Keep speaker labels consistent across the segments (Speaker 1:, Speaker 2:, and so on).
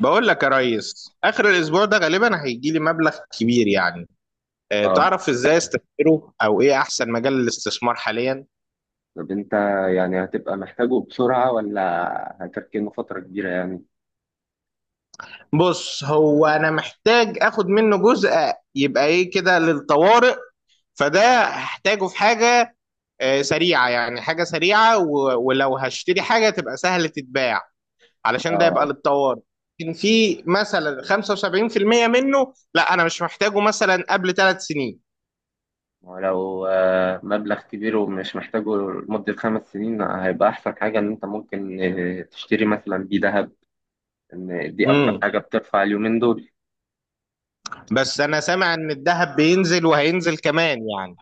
Speaker 1: بقول لك يا ريس، اخر الاسبوع ده غالبا هيجي لي مبلغ كبير يعني.
Speaker 2: اه.
Speaker 1: تعرف ازاي استثمره او ايه احسن مجال للاستثمار حاليا؟
Speaker 2: طب انت، يعني هتبقى محتاجه بسرعة ولا هتركنه فترة كبيرة يعني.
Speaker 1: بص، هو انا محتاج اخد منه جزء، يبقى ايه كده للطوارئ. فده هحتاجه في حاجة سريعة، يعني حاجة سريعة ولو هشتري حاجة تبقى سهلة تتباع، علشان ده
Speaker 2: اه
Speaker 1: يبقى للطوارئ. لكن في مثلا 75% منه، لا انا مش محتاجه مثلا قبل ثلاث سنين.
Speaker 2: ولو مبلغ كبير ومش محتاجه لمدة خمس سنين، هيبقى أحسن حاجة إن أنت ممكن تشتري مثلا بيه ذهب. إن دي أكتر حاجة بترفع اليومين دول.
Speaker 1: بس انا سامع ان الذهب بينزل وهينزل كمان يعني.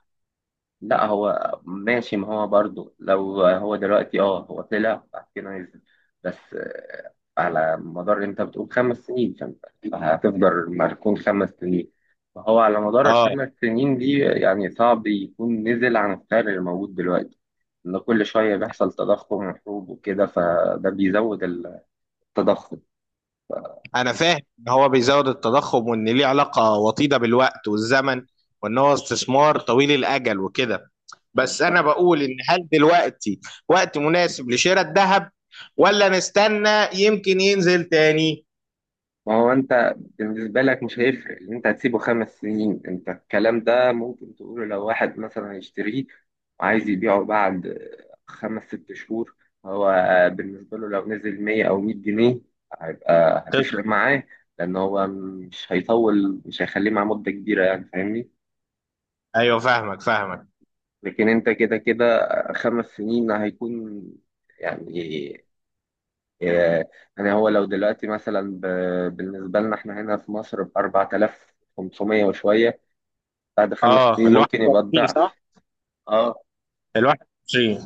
Speaker 2: لا هو ماشي، ما هو برضه لو هو دلوقتي هو طلع بعد كده نزل، بس على مدار انت بتقول خمس سنين، فانت هتفضل مركون خمس سنين، فهو على مدار
Speaker 1: اه،
Speaker 2: الخمس سنين دي يعني صعب يكون نزل عن السعر اللي موجود دلوقتي. ان كل شوية بيحصل تضخم وحروب وكده، فده بيزود التضخم.
Speaker 1: انا فاهم ان هو بيزود التضخم وان ليه علاقة وطيدة بالوقت والزمن، وان هو استثمار طويل الاجل وكده. بس انا بقول، ان هل دلوقتي وقت مناسب لشراء الذهب، ولا نستنى يمكن ينزل تاني؟
Speaker 2: ما هو انت بالنسبة لك مش هيفرق اللي انت هتسيبه خمس سنين. انت الكلام ده ممكن تقوله لو واحد مثلا هيشتريه وعايز يبيعه بعد خمس ست شهور، هو بالنسبة له لو نزل 100 او 100 جنيه هيبقى
Speaker 1: طيب.
Speaker 2: هتفرق معاه، لان هو مش هيطول، مش هيخليه مع مدة كبيرة يعني فاهمني.
Speaker 1: ايوه، فاهمك فاهمك.
Speaker 2: لكن انت كده كده خمس سنين هيكون يعني إيه، يعني هو لو دلوقتي مثلا بالنسبة لنا احنا هنا في مصر ب 4500 وشوية، بعد خمس
Speaker 1: اه،
Speaker 2: سنين
Speaker 1: ال
Speaker 2: ممكن يبقى
Speaker 1: 21
Speaker 2: الضعف.
Speaker 1: صح؟
Speaker 2: اه
Speaker 1: ال 21.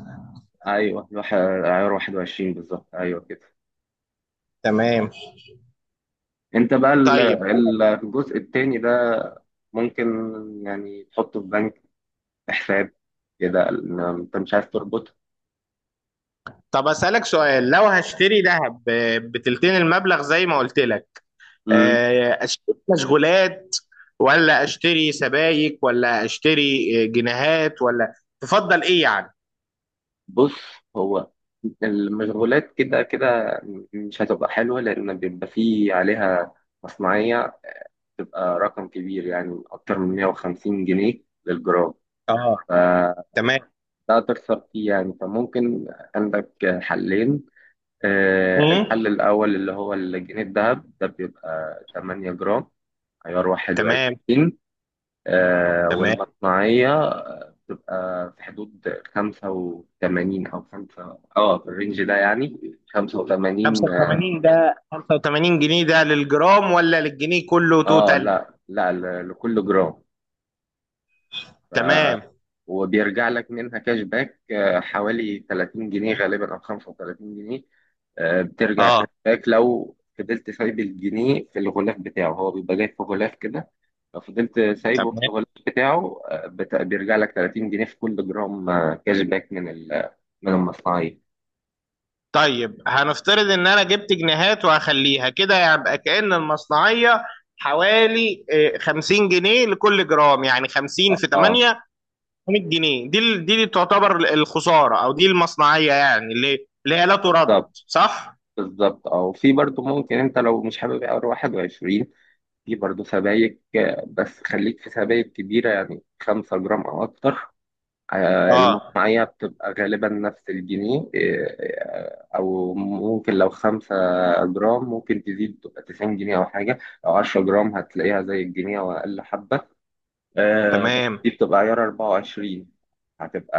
Speaker 2: ايوه عيار 21 بالظبط ايوه كده.
Speaker 1: تمام.
Speaker 2: انت بقى
Speaker 1: طيب.
Speaker 2: الجزء التاني ده ممكن يعني تحطه في بنك، في حساب كده، إن انت مش عايز تربطه.
Speaker 1: طب اسالك سؤال، لو هشتري ذهب بتلتين المبلغ زي ما قلت لك،
Speaker 2: مم.
Speaker 1: اشتري مشغولات ولا اشتري سبائك ولا اشتري جنيهات، ولا تفضل ايه يعني؟
Speaker 2: بص، هو المشغولات كده كده مش هتبقى حلوة، لأن بيبقى فيه عليها مصنعية تبقى رقم كبير يعني أكتر من 150 جنيه للجرام،
Speaker 1: اه.
Speaker 2: فده
Speaker 1: تمام.
Speaker 2: تخسر فيه يعني. فممكن عندك حلين.
Speaker 1: مم.
Speaker 2: الحل الأول اللي هو الجنيه الذهب، ده بيبقى 8 جرام عيار
Speaker 1: تمام،
Speaker 2: 21،
Speaker 1: تمام.
Speaker 2: والمصنعية بتبقى في حدود 85 أو 5، في الرينج ده يعني، 85.
Speaker 1: 85 ده، 85 جنيه ده للجرام ولا للجنيه كله
Speaker 2: اه
Speaker 1: توتال؟
Speaker 2: لا لا ل- لكل جرام.
Speaker 1: تمام.
Speaker 2: وبيرجع لك منها كاش باك حوالي 30 جنيه غالبا او 35 جنيه. بترجع كاش
Speaker 1: اه.
Speaker 2: باك لو فضلت سايب الجنيه في الغلاف بتاعه، هو بيبقى جاي في غلاف كده. لو فضلت سايبه في
Speaker 1: تمام.
Speaker 2: الغلاف بتاعه بيرجع لك 30 جنيه في كل جرام، كاش باك من من المصنعية.
Speaker 1: طيب هنفترض ان انا جبت جنيهات وهخليها كده، يبقى كأن المصنعية حوالي 50 جنيه لكل جرام، يعني 50
Speaker 2: اه
Speaker 1: في
Speaker 2: آه،
Speaker 1: 8، 100 جنيه، دي اللي تعتبر الخسارة او دي المصنعية، يعني اللي هي لا ترد، صح؟
Speaker 2: بالظبط. اه، وفي برضو ممكن، انت لو مش حابب اقرا 21، في برضو سبائك، بس خليك في سبائك كبيرة، يعني 5 جرام او اكتر.
Speaker 1: اه.
Speaker 2: المصنعية بتبقى غالبا نفس الجنيه، أو ممكن لو خمسة جرام ممكن تزيد تبقى تسعين جنيه أو حاجة. لو عشرة جرام هتلاقيها زي الجنيه أو أقل حبة، بس
Speaker 1: تمام.
Speaker 2: دي بتبقى عيار أربعة وعشرين. هتبقى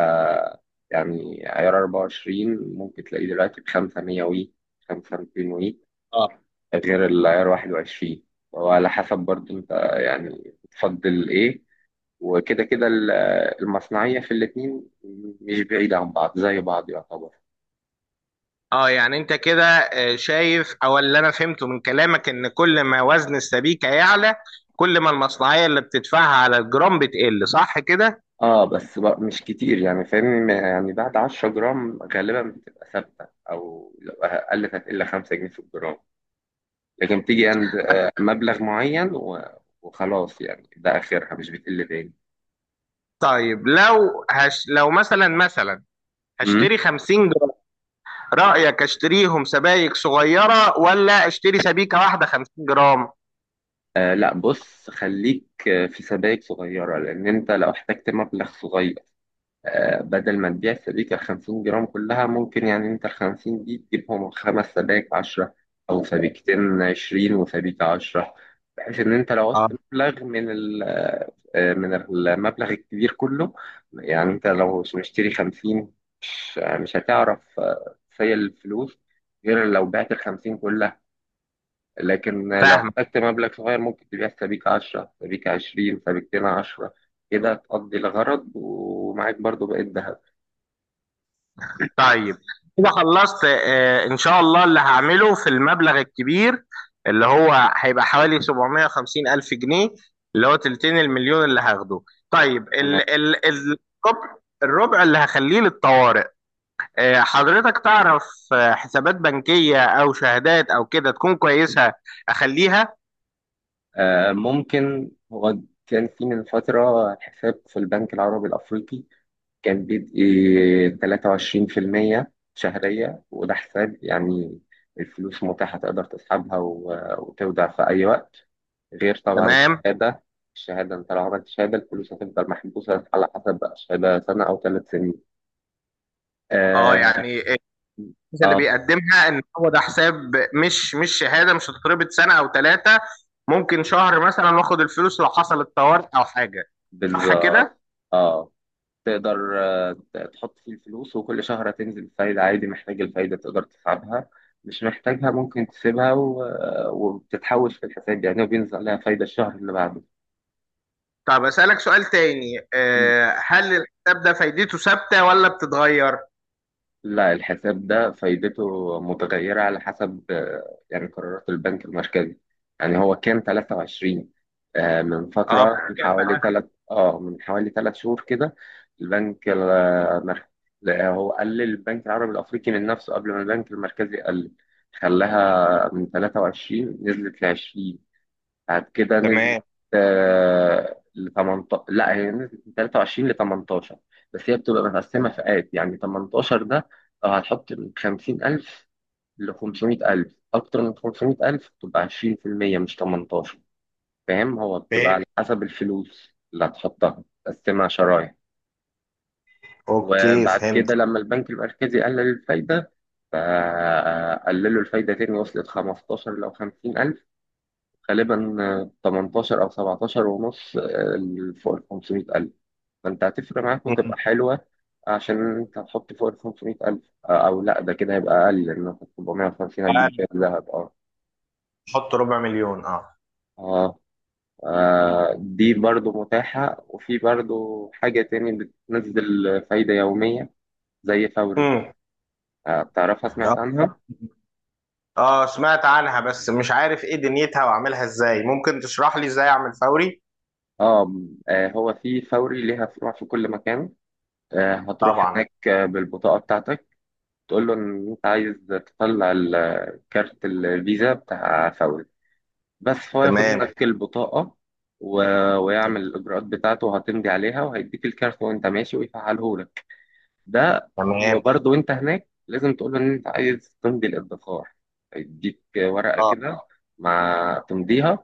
Speaker 2: يعني عيار أربعة وعشرين ممكن تلاقيه دلوقتي بخمسة مية وي، خمسة ميتين وي،
Speaker 1: اه،
Speaker 2: غير العيار واحد وعشرين. وعلى حسب برضه أنت يعني بتفضل إيه. وكده كده المصنعية في الاتنين مش بعيدة عن بعض، زي بعض يعتبر.
Speaker 1: اه، يعني انت كده شايف، او اللي انا فهمته من كلامك، ان كل ما وزن السبيكة يعلى، كل ما المصنعية اللي بتدفعها على الجرام بتقل، صح كده؟
Speaker 2: اه بس بقى مش كتير يعني فاهمني. يعني بعد 10 جرام غالبا بتبقى ثابتة، او لو قلت هتقل 5 جنيه في الجرام، لكن بتيجي عند مبلغ معين وخلاص يعني، ده اخرها مش بتقل تاني.
Speaker 1: طيب، لو مثلا
Speaker 2: مم.
Speaker 1: هشتري 50 جرام، رأيك اشتريهم سبايك صغيرة ولا اشتري سبيكة واحدة 50 جرام؟
Speaker 2: آه لا، بص خليك في سبائك صغيرة، لان انت لو احتجت مبلغ صغير، بدل ما تبيع السبيكة الخمسين جرام كلها، ممكن يعني أنت الخمسين دي تجيبهم خمس سبايك عشرة، أو سبيكتين عشرين وسبيكة عشرة، بحيث إن أنت لو
Speaker 1: اه،
Speaker 2: عوزت مبلغ من من المبلغ الكبير كله. يعني أنت لو مشتري خمسين، مش هتعرف تسيل الفلوس غير لو بعت الخمسين كلها، لكن لو
Speaker 1: فاهم.
Speaker 2: احتجت مبلغ صغير ممكن تبيع سبيكة عشرة، سبيكة عشرين، سبيكتين عشرة، كده تقضي الغرض ومعاك برضو بقيت ذهب.
Speaker 1: طيب. كده خلصت، ان شاء الله اللي هعمله في المبلغ الكبير، اللي هو هيبقى حوالي 750 الف جنيه، اللي هو تلتين المليون اللي هاخده. طيب، الربع، الربع اللي هخليه للطوارئ. حضرتك تعرف حسابات بنكية او شهادات او كده تكون كويسة اخليها؟
Speaker 2: ممكن، هو كان في من فترة حساب في البنك العربي الأفريقي كان بيدي 23% شهرية، وده حساب يعني الفلوس متاحة، تقدر تسحبها وتودع في أي وقت، غير طبعا
Speaker 1: تمام.
Speaker 2: الشهادة. الشهادة أنت لو عملت شهادة، الفلوس هتفضل محبوسة على حسب بقى، شهادة سنة أو ثلاث سنين.
Speaker 1: اه،
Speaker 2: آه,
Speaker 1: يعني انت اللي
Speaker 2: آه
Speaker 1: بيقدمها ان هو ده حساب، مش شهاده، مش هتتربط سنه او ثلاثه، ممكن شهر مثلا واخد الفلوس لو حصل الطوارئ او حاجه، صح
Speaker 2: بالظبط
Speaker 1: كده.
Speaker 2: آه تقدر تحط فيه الفلوس، وكل شهر هتنزل فايدة عادي. محتاج الفايدة تقدر تسحبها، مش محتاجها ممكن تسيبها، وبتتحوش في الحساب يعني، وبينزل عليها فايدة الشهر اللي بعده.
Speaker 1: طب اسالك سؤال تاني، هل الحساب ده فايدته ثابته ولا بتتغير؟
Speaker 2: لا، الحساب ده فايدته متغيرة على حسب يعني قرارات البنك المركزي. يعني هو كان 23، من
Speaker 1: اه.
Speaker 2: فترة، من
Speaker 1: كام
Speaker 2: حوالي
Speaker 1: بقى؟
Speaker 2: ثلاث، اه من حوالي ثلاث شهور كده البنك المركزي، هو قلل البنك العربي الأفريقي من نفسه قبل ما البنك المركزي قلل. خلاها من 23 نزلت ل 20، بعد كده نزلت
Speaker 1: تمام.
Speaker 2: ل 18، لا هي نزلت من 23 ل 18، بس هي بتبقى
Speaker 1: تمام.
Speaker 2: متقسمه فئات يعني. 18 ده لو هتحط من 50,000 ل 500,000. اكتر من 500,000 بتبقى 20%، مش 18، فاهم. هو بتبقى
Speaker 1: فهمت.
Speaker 2: على حسب الفلوس اللي هتحطها تقسمها شرايح.
Speaker 1: اوكي،
Speaker 2: وبعد كده
Speaker 1: فهمت.
Speaker 2: لما البنك المركزي قلل الفايده، فقللوا الفايده تاني، وصلت 15 لو 50,000 غالبا، 18 أو 17 ونص فوق ال 500,000، فأنت هتفرق معاك
Speaker 1: مم.
Speaker 2: وتبقى حلوة عشان أنت هتحط فوق ال 500,000. أو لأ ده كده هيبقى أقل، لأن 450 هتجيب
Speaker 1: قال
Speaker 2: فيها ذهب. أه
Speaker 1: حط ربع مليون، اه.
Speaker 2: آه آه، دي برضو متاحة. وفي برضو حاجة تاني بتنزل فايدة يومية زي فوري.
Speaker 1: امم.
Speaker 2: بتعرفها؟ سمعت
Speaker 1: اه،
Speaker 2: عنها؟
Speaker 1: سمعت عنها بس مش عارف ايه دنيتها واعملها ازاي، ممكن تشرح لي ازاي اعمل فوري؟
Speaker 2: اه هو في فوري ليها فروع في كل مكان. هتروح
Speaker 1: طبعا.
Speaker 2: هناك بالبطاقة بتاعتك، تقول له ان انت عايز تطلع كارت الفيزا بتاع فوري. بس هو ياخد
Speaker 1: تمام.
Speaker 2: منك البطاقة و... ويعمل الإجراءات بتاعته، وهتمضي عليها وهيديك الكارت وأنت ماشي ويفعله لك. ده،
Speaker 1: تمام.
Speaker 2: وبرضه وأنت هناك لازم تقول له إن أنت عايز تمضي الادخار. هيديك ورقة
Speaker 1: اه.
Speaker 2: كده مع تمضيها.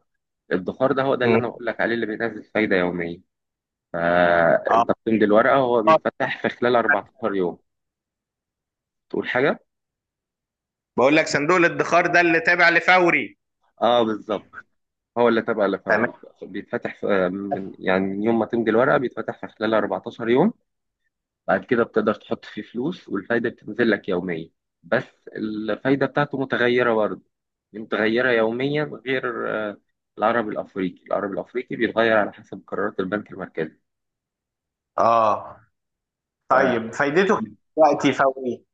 Speaker 2: الادخار ده هو ده اللي
Speaker 1: مم.
Speaker 2: أنا بقول لك عليه، اللي بينزل فايدة يومية.
Speaker 1: اه.
Speaker 2: فأنت بتمضي الورقة وهو
Speaker 1: آه.
Speaker 2: بيتفتح في خلال 14 يوم. تقول حاجة؟
Speaker 1: بقول لك صندوق الادخار ده اللي تابع لفوري.
Speaker 2: آه بالظبط، هو اللي تبع لفوري.
Speaker 1: تمام.
Speaker 2: بيتفتح في يعني من يوم ما تمضي الورقة بيتفتح في خلال 14 يوم. بعد كده بتقدر تحط فيه فلوس، والفايدة بتنزل لك يوميا. بس الفايدة بتاعته متغيرة برضه، متغيرة يوميا غير العربي الأفريقي بيتغير على حسب قرارات البنك المركزي.
Speaker 1: اه.
Speaker 2: ف-
Speaker 1: طيب فايدته دلوقتي فوري؟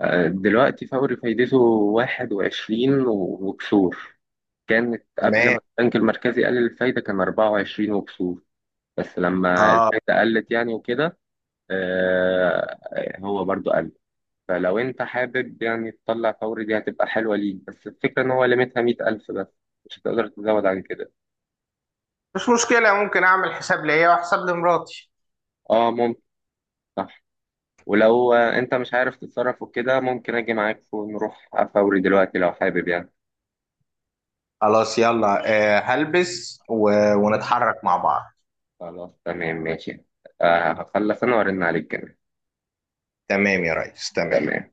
Speaker 2: دلوقتي فوري فايدته 21 وكسور، كانت قبل
Speaker 1: تمام.
Speaker 2: ما البنك المركزي قلل الفايدة كان 24 وكسور، بس لما
Speaker 1: اه.
Speaker 2: الفايدة قلت يعني وكده، هو برضو قال فلو انت حابب يعني تطلع فوري، دي هتبقى حلوة ليك، بس الفكرة ان هو ليميتها 100,000 بس، مش هتقدر تزود عن كده.
Speaker 1: مش مشكلة، ممكن اعمل حساب ليا وحساب لمراتي.
Speaker 2: اه ممكن، صح. ولو انت مش عارف تتصرف وكده، ممكن اجي معاك ونروح فوري دلوقتي لو حابب يعني.
Speaker 1: خلاص، يلا. آه، هلبس ونتحرك مع بعض.
Speaker 2: خلاص تمام ماشي. هخلص انا وارن عليك كمان.
Speaker 1: تمام يا ريس، تمام.
Speaker 2: تمام.